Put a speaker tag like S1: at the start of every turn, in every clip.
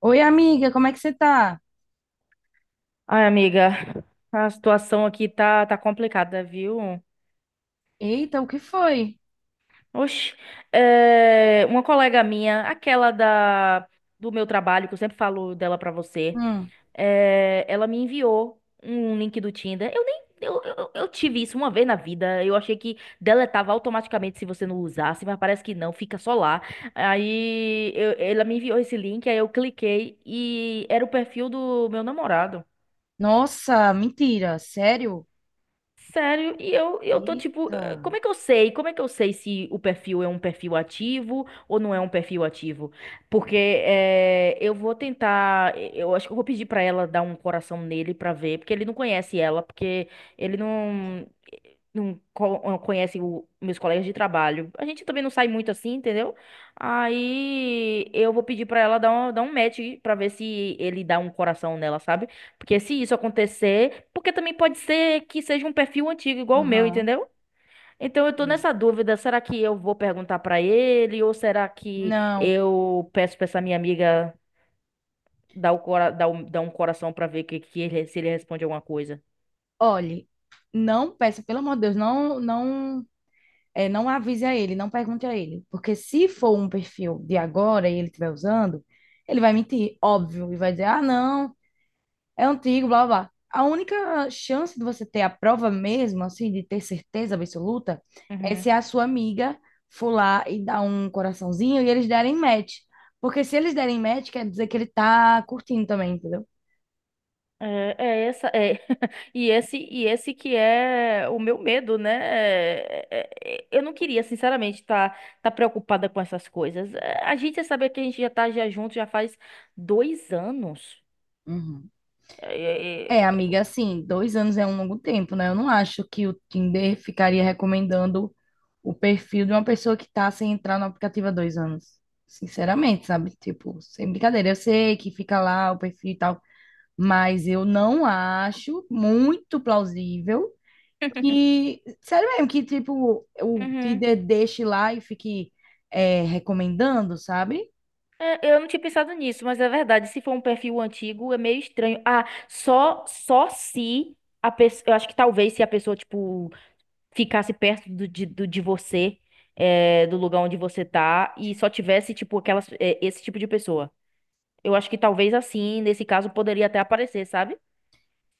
S1: Oi, amiga, como é que você tá?
S2: Ai, amiga, a situação aqui tá complicada, viu?
S1: Eita, o que foi?
S2: Oxi, uma colega minha, aquela do meu trabalho, que eu sempre falo dela pra você,
S1: Hum.
S2: ela me enviou um link do Tinder. Eu nem. Eu tive isso uma vez na vida. Eu achei que deletava automaticamente se você não usasse, mas parece que não, fica só lá. Aí ela me enviou esse link, aí eu cliquei e era o perfil do meu namorado.
S1: Nossa, mentira, sério?
S2: Sério, e eu tô tipo,
S1: Eita.
S2: como é que eu sei? Como é que eu sei se o perfil é um perfil ativo ou não é um perfil ativo? Porque eu vou tentar, eu acho que eu vou pedir pra ela dar um coração nele pra ver, porque ele não conhece ela, porque ele não conhece meus colegas de trabalho. A gente também não sai muito assim, entendeu? Aí eu vou pedir pra ela dar um match pra ver se ele dá um coração nela, sabe? Porque se isso acontecer, porque também pode ser que seja um perfil antigo igual o meu,
S1: Aham.
S2: entendeu? Então eu tô nessa dúvida, será que eu vou perguntar pra ele ou será que
S1: Não,
S2: eu peço pra essa minha amiga dar, o cora dar um coração pra ver se ele responde alguma coisa?
S1: olhe, não peça, pelo amor de Deus, não, não, não avise a ele, não pergunte a ele, porque se for um perfil de agora e ele estiver usando, ele vai mentir, óbvio, e vai dizer, ah, não, é antigo, blá, blá, blá. A única chance de você ter a prova mesmo, assim, de ter certeza absoluta, é
S2: Uhum.
S1: se a sua amiga for lá e dar um coraçãozinho e eles derem match. Porque se eles derem match, quer dizer que ele tá curtindo também, entendeu?
S2: É essa é e esse que é o meu medo, né? Eu não queria, sinceramente, tá preocupada com essas coisas. A gente já sabe que a gente já tá já junto já faz 2 anos.
S1: Uhum.
S2: É,
S1: É,
S2: é,
S1: amiga, assim, dois anos é um longo tempo, né? Eu não acho que o Tinder ficaria recomendando o perfil de uma pessoa que tá sem entrar no aplicativo há dois anos. Sinceramente, sabe? Tipo, sem brincadeira. Eu sei que fica lá o perfil e tal, mas eu não acho muito plausível que, sério mesmo, que tipo, o
S2: Uhum.
S1: líder deixe lá e fique recomendando, sabe?
S2: É, eu não tinha pensado nisso, mas é verdade. Se for um perfil antigo, é meio estranho. Ah, só se a pessoa. Eu acho que talvez se a pessoa, tipo, ficasse perto de você, é, do lugar onde você tá, e só tivesse, tipo, esse tipo de pessoa. Eu acho que talvez assim, nesse caso, poderia até aparecer, sabe?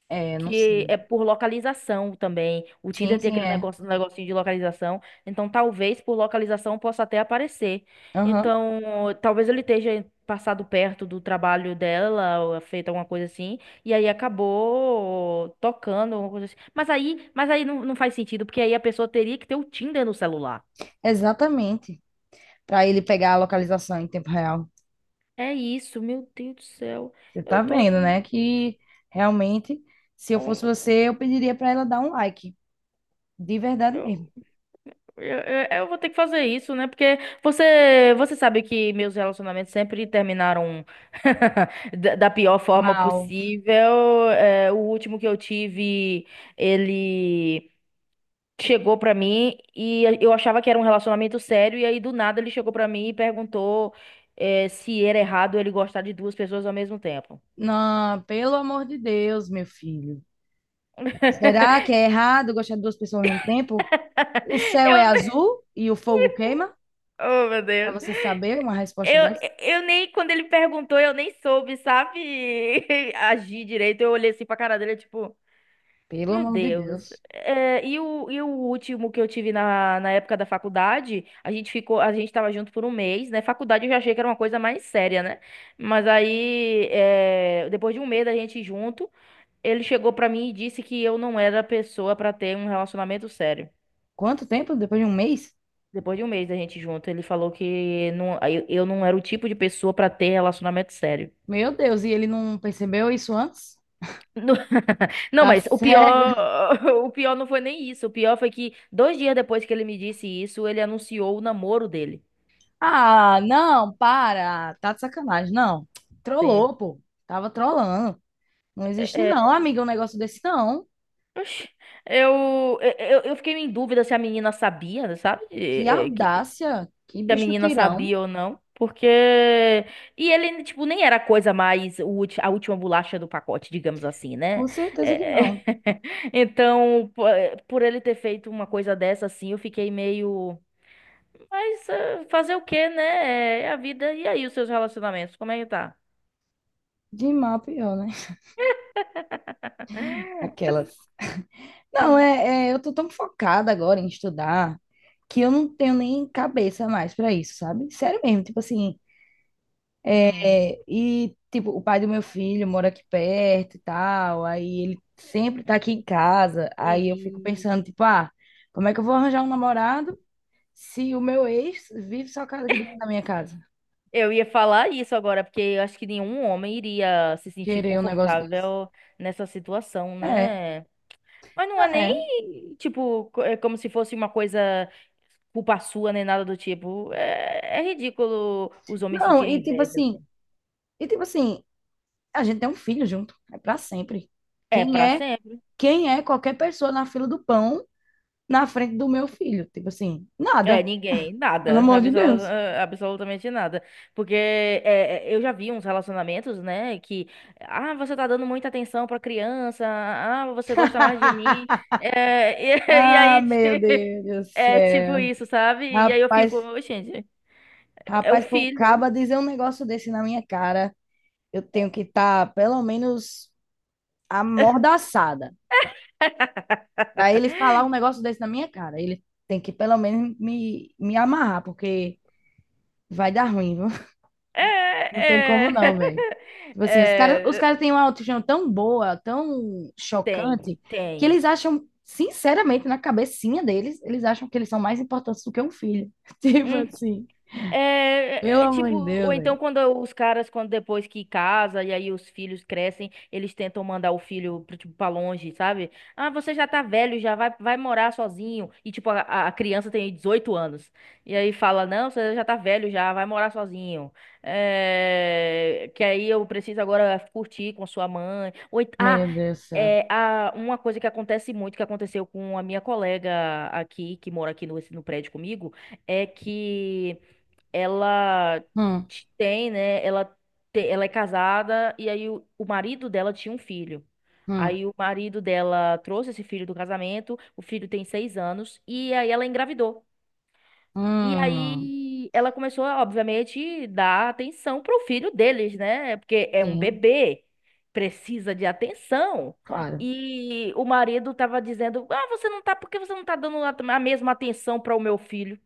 S1: É, não
S2: Que
S1: sei.
S2: é por localização também. O
S1: Sim,
S2: Tinder tem
S1: sim,
S2: aquele
S1: é.
S2: negócio, um negocinho de localização, então talvez por localização possa até aparecer.
S1: Aham.
S2: Então, talvez ele esteja passado perto do trabalho dela, ou feito alguma coisa assim, e aí acabou tocando alguma coisa assim. Mas aí não faz sentido, porque aí a pessoa teria que ter o Tinder no celular.
S1: Exatamente. Para ele pegar a localização em tempo real.
S2: É isso, meu Deus do céu.
S1: Você
S2: Eu
S1: tá
S2: tô
S1: vendo, né?
S2: aqui.
S1: Que realmente, se eu
S2: Oh,
S1: fosse
S2: meu
S1: você, eu pediria para ela dar um like. De verdade
S2: Deus.
S1: mesmo.
S2: Eu vou ter que fazer isso, né? Porque você sabe que meus relacionamentos sempre terminaram da pior forma
S1: Mal.
S2: possível. O último que eu tive, ele chegou pra mim e eu achava que era um relacionamento sério. E aí, do nada, ele chegou pra mim e perguntou, se era errado ele gostar de duas pessoas ao mesmo tempo.
S1: Não, pelo amor de Deus, meu filho. Será que é errado gostar de duas pessoas ao mesmo tempo? O céu
S2: Eu
S1: é
S2: nem...
S1: azul e o fogo queima?
S2: Oh, meu
S1: Pra
S2: Deus.
S1: você saber uma resposta
S2: Eu,
S1: dessa?
S2: eu nem, quando ele perguntou, eu nem soube, sabe, agir direito. Eu olhei assim pra cara dele, tipo.
S1: Pelo
S2: Meu
S1: amor de
S2: Deus.
S1: Deus.
S2: E o último que eu tive na época da faculdade, a gente tava junto por um mês, né? Faculdade eu já achei que era uma coisa mais séria, né? Mas aí, depois de um mês da gente junto, ele chegou pra mim e disse que eu não era a pessoa pra ter um relacionamento sério.
S1: Quanto tempo? Depois de um mês?
S2: Depois de um mês da gente junto, ele falou que não, eu não era o tipo de pessoa pra ter relacionamento sério.
S1: Meu Deus, e ele não percebeu isso antes?
S2: Não,
S1: Tá
S2: mas o
S1: cego.
S2: pior, o pior não foi nem isso. O pior foi que 2 dias depois que ele me disse isso, ele anunciou o namoro dele.
S1: Ah, não, para. Tá de sacanagem. Não.
S2: Sim.
S1: Trollou, pô. Tava trollando. Não existe,
S2: É, é.
S1: não, amiga, um negócio desse, não.
S2: Oxi, eu, é, é, eu fiquei em dúvida se a menina sabia, sabe?
S1: Que
S2: Que,
S1: audácia. Que
S2: se a
S1: bicho
S2: menina
S1: tirão.
S2: sabia ou não. Porque. E ele, tipo, nem era a coisa mais. A última bolacha do pacote, digamos assim, né?
S1: Com certeza que
S2: É,
S1: não.
S2: Então, por ele ter feito uma coisa dessa, assim, eu fiquei meio. Mas fazer o quê, né? É a vida. E aí, os seus relacionamentos, como é que tá?
S1: De mal, pior, né? Aquelas. Não, eu tô tão focada agora em estudar que eu não tenho nem cabeça mais pra isso, sabe? Sério mesmo, tipo assim,
S2: Hum.
S1: é, e tipo, o pai do meu filho mora aqui perto e tal, aí ele sempre tá aqui em casa, aí eu fico
S2: E
S1: pensando, tipo, ah, como é que eu vou arranjar um namorado se o meu ex vive só casa aqui dentro da minha casa?
S2: eu ia falar isso agora, porque eu acho que nenhum homem iria se sentir
S1: Querer um negócio desse.
S2: confortável nessa situação,
S1: É,
S2: né? Mas não é
S1: é.
S2: nem, tipo, é como se fosse uma coisa culpa sua, nem nada do tipo. É, é ridículo os homens
S1: Não,
S2: sentirem inveja, assim.
S1: e tipo assim, a gente tem um filho junto, é pra sempre.
S2: É
S1: Quem
S2: pra
S1: é
S2: sempre.
S1: quem é qualquer pessoa na fila do pão na frente do meu filho? Tipo assim, nada,
S2: É, ninguém,
S1: pelo
S2: nada,
S1: amor de Deus.
S2: absolutamente nada. Porque eu já vi uns relacionamentos, né, que, ah, você tá dando muita atenção pra criança, ah, você gosta mais de mim, é, e, e
S1: Ah,
S2: aí, ti-
S1: meu Deus do
S2: é tipo
S1: céu.
S2: isso, sabe? E aí eu
S1: Rapaz,
S2: fico, gente, é o
S1: rapaz, pro
S2: filho.
S1: caba dizer um negócio desse na minha cara, eu tenho que estar pelo menos amordaçada. Pra ele falar um negócio desse na minha cara, ele tem que pelo menos me amarrar, porque vai dar ruim, viu?
S2: É,
S1: Não tem como não,
S2: é,
S1: velho. Tipo assim, os
S2: é,
S1: caras têm uma autoestima tão boa, tão
S2: tem,
S1: chocante, que
S2: tem.
S1: eles acham, sinceramente, na cabecinha deles, eles acham que eles são mais importantes do que um filho. Tipo
S2: Uhum.
S1: assim, pelo amor de
S2: Tipo, ou
S1: Deus, velho.
S2: então quando os caras, quando depois que casa e aí os filhos crescem, eles tentam mandar o filho pra, tipo, pra longe, sabe? Ah, você já tá velho, já vai, vai morar sozinho. E tipo, a criança tem 18 anos. E aí fala, não, você já tá velho, já vai morar sozinho. É, que aí eu preciso agora curtir com sua mãe. Ou,
S1: Meu Deus do céu.
S2: uma coisa que acontece muito, que aconteceu com a minha colega aqui, que mora aqui no, no prédio comigo, é que ela
S1: Hum,
S2: tem, né? Ela é casada e aí o marido dela tinha um filho.
S1: hum,
S2: Aí o marido dela trouxe esse filho do casamento, o filho tem 6 anos, e aí ela engravidou. E
S1: hum.
S2: aí ela começou, obviamente, dar atenção pro filho deles, né? Porque é um
S1: Sim,
S2: bebê, precisa de atenção.
S1: claro.
S2: E o marido tava dizendo: Ah, você não tá, por que você não tá dando a mesma atenção para o meu filho?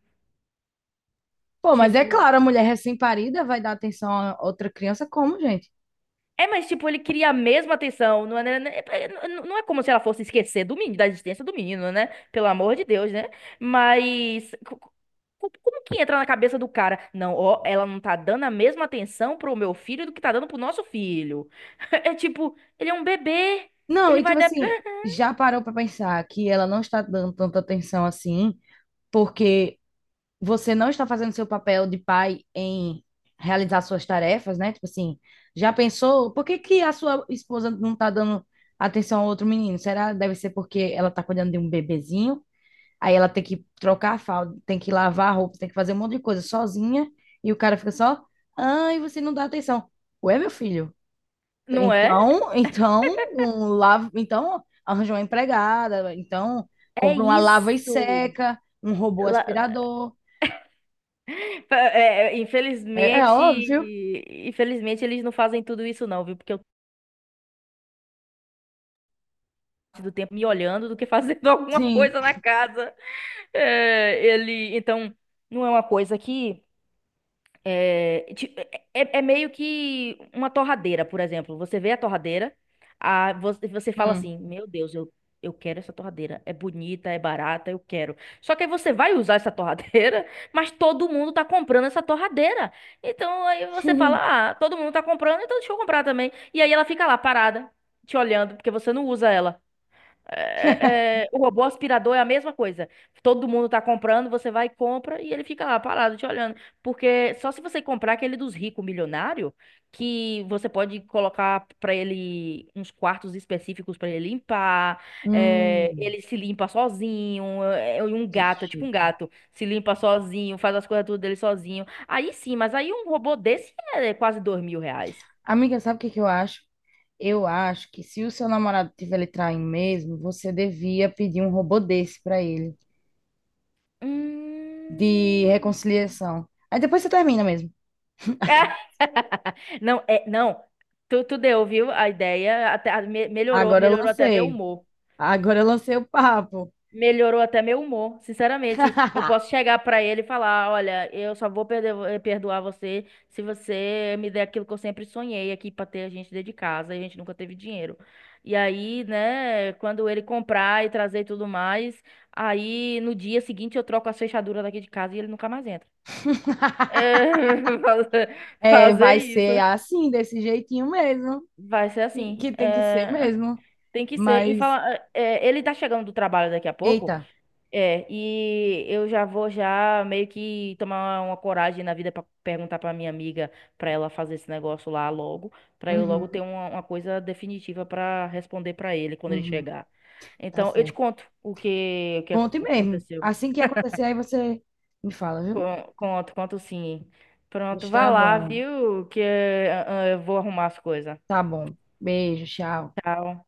S1: Pô, mas é
S2: Tipo.
S1: claro, a mulher recém-parida vai dar atenção a outra criança como, gente?
S2: É, mas tipo, ele queria a mesma atenção. Não é, não é como se ela fosse esquecer do menino, da existência do menino, né? Pelo amor de Deus, né? Mas como que entra na cabeça do cara? Não, ó, ela não tá dando a mesma atenção pro meu filho do que tá dando pro nosso filho. É tipo, ele é um bebê.
S1: Não,
S2: Ele
S1: e
S2: vai
S1: tipo
S2: dar.
S1: assim, já parou pra pensar que ela não está dando tanta atenção assim? Porque você não está fazendo seu papel de pai em realizar suas tarefas, né? Tipo assim, já pensou, por que que a sua esposa não está dando atenção ao outro menino? Será deve ser porque ela está cuidando de um bebezinho? Aí ela tem que trocar a fralda, tem que lavar a roupa, tem que fazer um monte de coisa sozinha, e o cara fica só, ai, você não dá atenção. Ué, meu filho,
S2: Não é?
S1: então, então, um lava, então arranja uma empregada, então
S2: É
S1: compra uma lava e
S2: isso.
S1: seca, um robô
S2: Lá-
S1: aspirador.
S2: é, é,
S1: É, é
S2: infelizmente,
S1: óbvio.
S2: infelizmente eles não fazem tudo isso não, viu? Porque eu passo do tempo me olhando do que fazendo alguma
S1: Sim.
S2: coisa na casa. É, ele, então, não é uma coisa que é, ti- é meio que uma torradeira, por exemplo. Você vê a torradeira, você fala
S1: Hum.
S2: assim, meu Deus, eu quero essa torradeira. É bonita, é barata, eu quero. Só que aí você vai usar essa torradeira, mas todo mundo tá comprando essa torradeira. Então aí você fala, ah, todo mundo tá comprando, então deixa eu comprar também. E aí ela fica lá parada, te olhando, porque você não usa ela. O robô aspirador é a mesma coisa. Todo mundo tá comprando, você vai e compra e ele fica lá parado te olhando. Porque só se você comprar aquele dos ricos milionário, que você pode colocar pra ele uns quartos específicos pra ele limpar, é,
S1: Hum.
S2: ele se limpa sozinho, é, um
S1: Que
S2: gato, é tipo um
S1: chique.
S2: gato, se limpa sozinho, faz as coisas tudo dele sozinho. Aí sim, mas aí um robô desse é quase R$ 2.000.
S1: Amiga, sabe o que que eu acho? Eu acho que se o seu namorado tiver lhe traindo mesmo, você devia pedir um robô desse pra ele, de
S2: Hum...
S1: reconciliação. Aí depois você termina mesmo.
S2: Não, não. Tu deu, viu? A ideia até melhorou,
S1: Agora eu
S2: melhorou até meu
S1: lancei.
S2: humor.
S1: Agora eu lancei o papo.
S2: Melhorou até meu humor, sinceramente. Eu posso chegar pra ele e falar, olha, eu só vou perdoar você se você me der aquilo que eu sempre sonhei aqui pra ter a gente dentro de casa, e a gente nunca teve dinheiro. E aí, né, quando ele comprar e trazer e tudo mais, aí no dia seguinte eu troco as fechaduras daqui de casa e ele nunca mais entra. É, fazer
S1: É,
S2: fazer
S1: vai
S2: isso.
S1: ser assim, desse jeitinho mesmo.
S2: Vai ser assim.
S1: Que tem que ser mesmo.
S2: Tem que ser. Em
S1: Mas,
S2: fala, ele tá chegando do trabalho daqui a pouco,
S1: eita.
S2: é, e eu já vou já meio que tomar uma coragem na vida pra perguntar pra minha amiga pra ela fazer esse negócio lá logo, pra eu logo ter
S1: Uhum,
S2: uma coisa definitiva pra responder pra ele quando ele
S1: uhum,
S2: chegar.
S1: tá
S2: Então, eu te
S1: certo.
S2: conto o que
S1: Conte mesmo.
S2: aconteceu.
S1: Assim que acontecer, aí você me fala, viu?
S2: Conto, conto sim. Pronto, vá
S1: Está
S2: lá,
S1: bom.
S2: viu? Que eu vou arrumar as coisas.
S1: Tá bom. Beijo, tchau.
S2: Tchau.